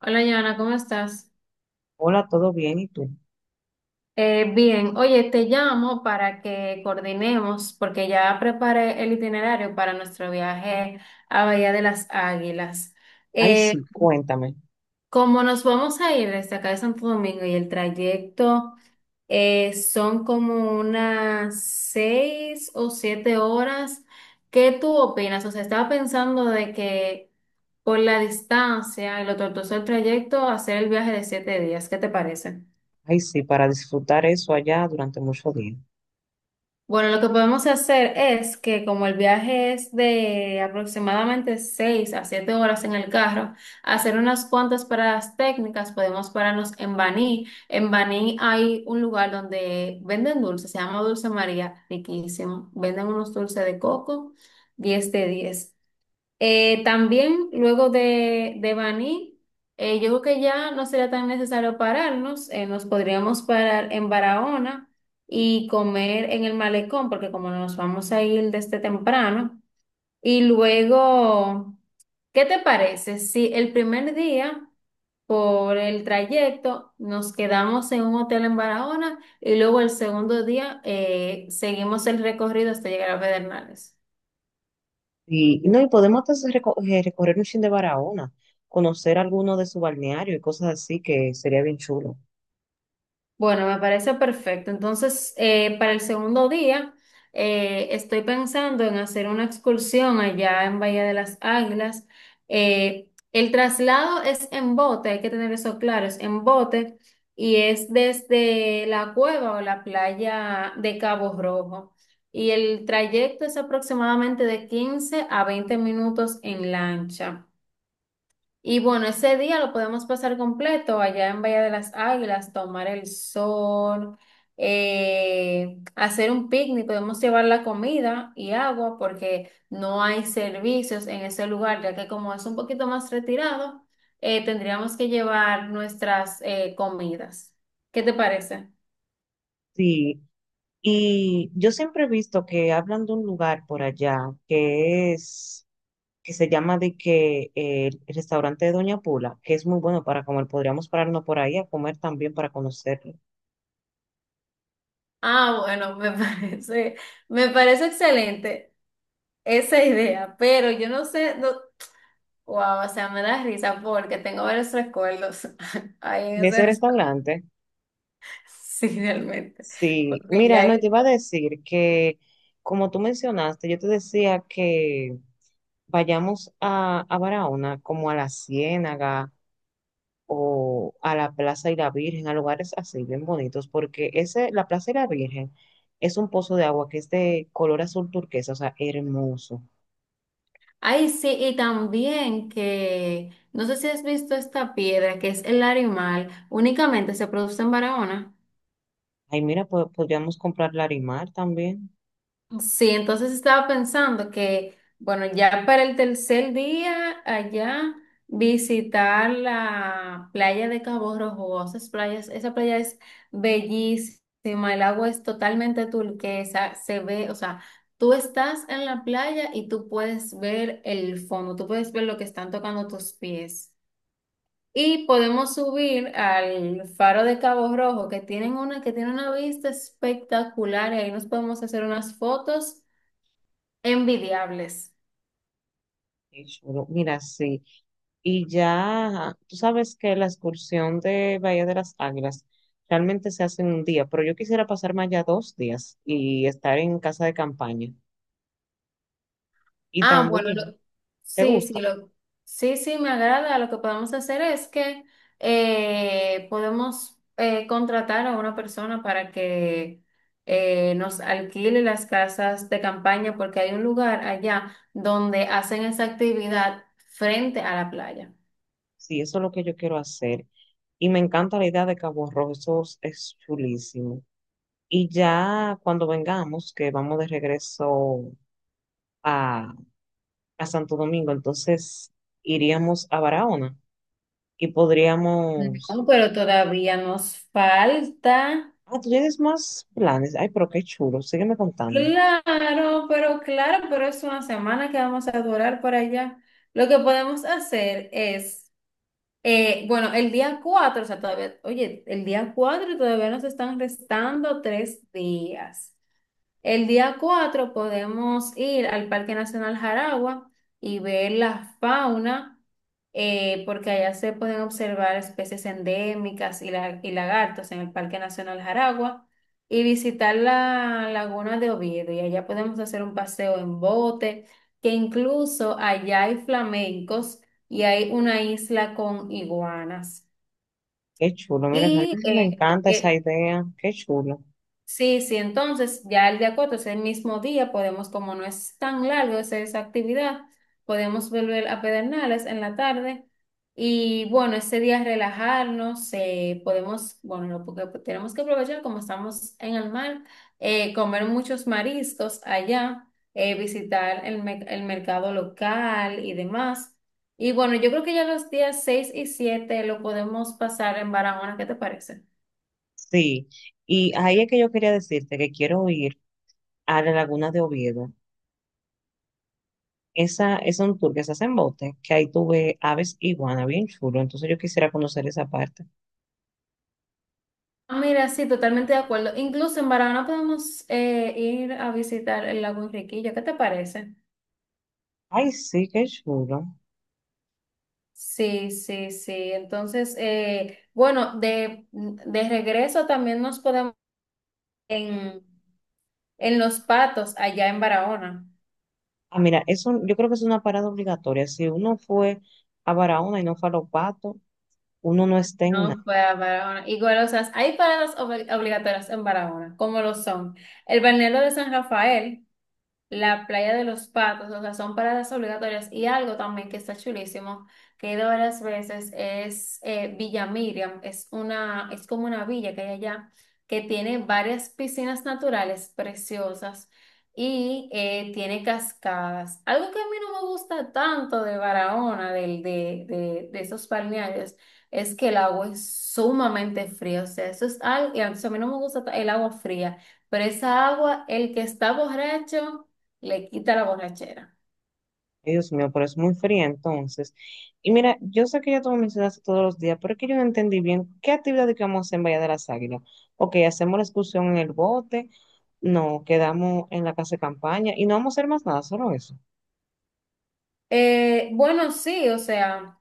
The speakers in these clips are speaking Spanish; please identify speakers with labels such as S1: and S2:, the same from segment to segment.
S1: Hola, Joana, ¿cómo estás?
S2: Hola, ¿todo bien? ¿Y tú?
S1: Bien, oye, te llamo para que coordinemos porque ya preparé el itinerario para nuestro viaje a Bahía de las Águilas.
S2: Ay, sí,
S1: Eh,
S2: cuéntame.
S1: como nos vamos a ir desde acá de Santo Domingo y el trayecto son como unas 6 o 7 horas, ¿qué tú opinas? O sea, estaba pensando de que por la distancia y lo tortuoso del trayecto, hacer el viaje de 7 días, ¿qué te parece?
S2: Ay, sí, para disfrutar eso allá durante muchos días.
S1: Bueno, lo que podemos hacer es que como el viaje es de aproximadamente 6 a 7 horas en el carro, hacer unas cuantas paradas técnicas, podemos pararnos en Baní. En Baní hay un lugar donde venden dulces, se llama Dulce María, riquísimo. Venden unos dulces de coco. 10 de 10. También luego de Baní, yo creo que ya no sería tan necesario pararnos, nos podríamos parar en Barahona y comer en el malecón, porque como nos vamos a ir desde temprano, y luego, ¿qué te parece si el primer día por el trayecto nos quedamos en un hotel en Barahona y luego el segundo día seguimos el recorrido hasta llegar a Pedernales?
S2: Y no, y podemos hasta hacer recorrer un chin de Barahona, conocer alguno de su balneario y cosas así que sería bien chulo.
S1: Bueno, me parece perfecto. Entonces, para el segundo día, estoy pensando en hacer una excursión allá en Bahía de las Águilas. El traslado es en bote, hay que tener eso claro, es en bote y es desde la cueva o la playa de Cabo Rojo. Y el trayecto es aproximadamente de 15 a 20 minutos en lancha. Y bueno, ese día lo podemos pasar completo allá en Bahía de las Águilas, tomar el sol, hacer un picnic, podemos llevar la comida y agua porque no hay servicios en ese lugar, ya que como es un poquito más retirado, tendríamos que llevar nuestras comidas. ¿Qué te parece?
S2: Sí, y yo siempre he visto que hablan de un lugar por allá que es, que se llama de que el restaurante de Doña Pula, que es muy bueno para comer. Podríamos pararnos por ahí a comer también para conocerlo.
S1: Ah, bueno, me parece, me parece excelente esa idea, pero yo no sé. Wow, o sea, me da risa porque tengo varios recuerdos ahí en
S2: De
S1: ese
S2: ese
S1: restaurante.
S2: restaurante.
S1: Sí, realmente.
S2: Sí,
S1: Porque ya
S2: mira, no,
S1: ahí-
S2: te iba a decir que, como tú mencionaste, yo te decía que vayamos a Barahona, como a la Ciénaga o a la Plaza y la Virgen, a lugares así bien bonitos, porque ese, la Plaza y la Virgen es un pozo de agua que es de color azul turquesa, o sea, hermoso.
S1: Ay, sí, y también que no sé si has visto esta piedra que es el animal, únicamente se produce en Barahona.
S2: Ay, mira, podríamos comprar Larimar también.
S1: Sí, entonces estaba pensando que, bueno, ya para el tercer día allá visitar la playa de Cabo Rojo, esas playas, esa playa es bellísima, el agua es totalmente turquesa, se ve, o sea, tú estás en la playa y tú puedes ver el fondo, tú puedes ver lo que están tocando tus pies. Y podemos subir al faro de Cabo Rojo, que tiene una vista espectacular, y ahí nos podemos hacer unas fotos envidiables.
S2: Qué chulo. Mira, sí. Y ya, tú sabes que la excursión de Bahía de las Águilas realmente se hace en un día, pero yo quisiera pasarme allá dos días y estar en casa de campaña. Y
S1: Ah, bueno,
S2: también, ¿te
S1: sí,
S2: gusta?
S1: sí, sí, sí, me agrada. Lo que podemos hacer es que podemos contratar a una persona para que nos alquile las casas de campaña, porque hay un lugar allá donde hacen esa actividad frente a la playa.
S2: Sí, eso es lo que yo quiero hacer. Y me encanta la idea de Cabo Rojo, eso es chulísimo. Y ya cuando vengamos, que vamos de regreso a, a Santo Domingo, entonces iríamos a Barahona y podríamos.
S1: No, pero todavía nos falta.
S2: Ah, tú tienes más planes. Ay, pero qué chulo. Sígueme contando.
S1: Claro, pero es una semana que vamos a durar por allá. Lo que podemos hacer es. Bueno, el día 4, o sea, todavía, oye, el día 4 todavía nos están restando 3 días. El día 4 podemos ir al Parque Nacional Jaragua y ver la fauna, porque allá se pueden observar especies endémicas y lagartos en el Parque Nacional Jaragua y visitar la laguna de Oviedo. Y allá podemos hacer un paseo en bote, que incluso allá hay flamencos y hay una isla con iguanas.
S2: Qué chulo. Mira,
S1: Y
S2: realmente me
S1: eh,
S2: encanta esa
S1: eh,
S2: idea. Qué chulo.
S1: Sí, sí, entonces ya el día 4 es el mismo día, podemos, como no es tan largo esa actividad, podemos volver a Pedernales en la tarde y bueno, ese día relajarnos, podemos, bueno, porque tenemos que aprovechar como estamos en el mar, comer muchos mariscos allá, visitar el mercado local y demás. Y bueno, yo creo que ya los días 6 y 7 lo podemos pasar en Barahona, ¿qué te parece?
S2: Sí. Y ahí es que yo quería decirte que quiero ir a la Laguna de Oviedo. Esa es un tour que se hace en bote, que ahí tuve aves iguana, bien chulo. Entonces yo quisiera conocer esa parte.
S1: Ah, mira, sí, totalmente de acuerdo. Incluso en Barahona podemos ir a visitar el lago Enriquillo. ¿Qué te parece?
S2: Ay, sí, qué chulo.
S1: Sí, sí, sí. Entonces, bueno, de regreso también nos podemos en, Los Patos, allá en Barahona.
S2: Ah, mira, eso, yo creo que es una parada obligatoria. Si uno fue a Barahona y no fue a Los Patos, uno no está en.
S1: No fue a Barahona. Igual, o sea, hay paradas obligatorias en Barahona, como lo son el balneario de San Rafael. La playa de Los Patos, o sea, son paradas obligatorias. Y algo también que está chulísimo, que he ido varias veces, es Villa Miriam, es una, es como una villa que hay allá, que tiene varias piscinas naturales preciosas y tiene cascadas. Algo que a mí no me gusta tanto de Barahona, de esos balnearios, es que el agua es sumamente fría, o sea, eso es algo, y a mí no me gusta el agua fría, pero esa agua, el que está borracho, le quita la borrachera.
S2: Ay, Dios mío, pero es muy fría entonces. Y mira, yo sé que ya tú me mencionaste todos los días, pero es que yo no entendí bien qué actividad que vamos a hacer en Bahía de las Águilas. Ok, hacemos la excursión en el bote, no, quedamos en la casa de campaña y no vamos a hacer más nada, solo eso.
S1: Bueno, sí, o sea,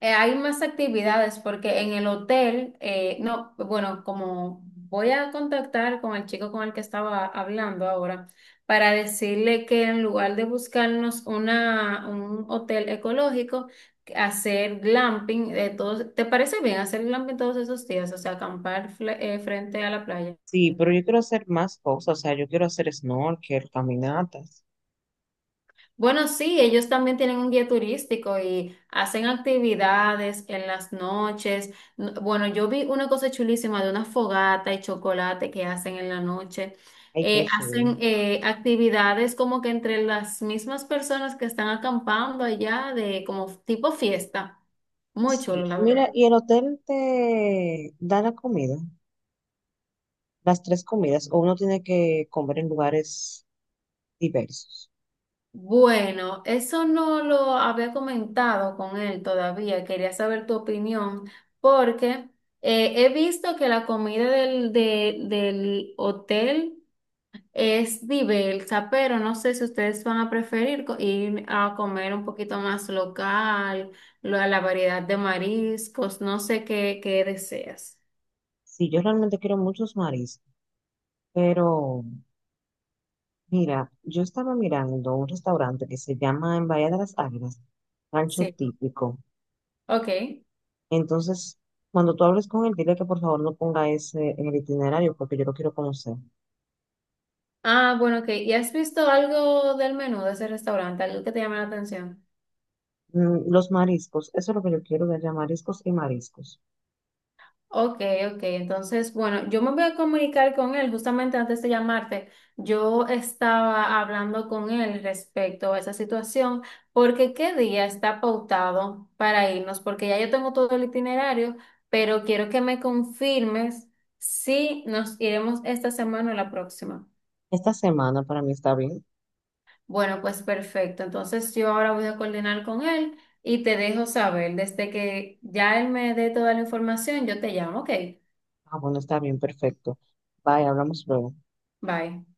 S1: hay más actividades porque en el hotel, no, bueno, como voy a contactar con el chico con el que estaba hablando ahora para decirle que en lugar de buscarnos un hotel ecológico, que hacer glamping de todos, ¿te parece bien hacer glamping todos esos días? O sea, acampar frente a la playa.
S2: Sí, pero yo quiero hacer más cosas, o sea, yo quiero hacer snorkel, caminatas.
S1: Bueno, sí, ellos también tienen un guía turístico y hacen actividades en las noches. Bueno, yo vi una cosa chulísima de una fogata y chocolate que hacen en la noche.
S2: Ay, qué
S1: Eh,
S2: chulo.
S1: hacen actividades como que entre las mismas personas que están acampando allá, de como tipo fiesta. Muy chulo,
S2: Sí,
S1: la
S2: mira,
S1: verdad.
S2: ¿y el hotel te da la comida? Las tres comidas, o uno tiene que comer en lugares diversos.
S1: Bueno, eso no lo había comentado con él todavía. Quería saber tu opinión porque he visto que la comida del hotel es diversa, pero no sé si ustedes van a preferir ir a comer un poquito más local, la variedad de mariscos, no sé qué, qué deseas.
S2: Sí, yo realmente quiero muchos mariscos. Pero mira, yo estaba mirando un restaurante que se llama en Bahía de las Águilas, Rancho
S1: Sí,
S2: Típico.
S1: ok.
S2: Entonces, cuando tú hables con él, dile que por favor no ponga ese en el itinerario porque yo lo quiero conocer.
S1: Ah, bueno, ok. ¿Y has visto algo del menú de ese restaurante, algo que te llama la atención?
S2: Mm, los mariscos, eso es lo que yo quiero de allá, mariscos y mariscos.
S1: Ok, ok. Entonces, bueno, yo me voy a comunicar con él justamente antes de llamarte. Yo estaba hablando con él respecto a esa situación, porque qué día está pautado para irnos, porque ya yo tengo todo el itinerario, pero quiero que me confirmes si nos iremos esta semana o la próxima.
S2: Esta semana para mí está bien.
S1: Bueno, pues perfecto. Entonces yo ahora voy a coordinar con él y te dejo saber. Desde que ya él me dé toda la información, yo te llamo. Ok,
S2: Ah, bueno, está bien, perfecto. Bye, hablamos luego.
S1: bye.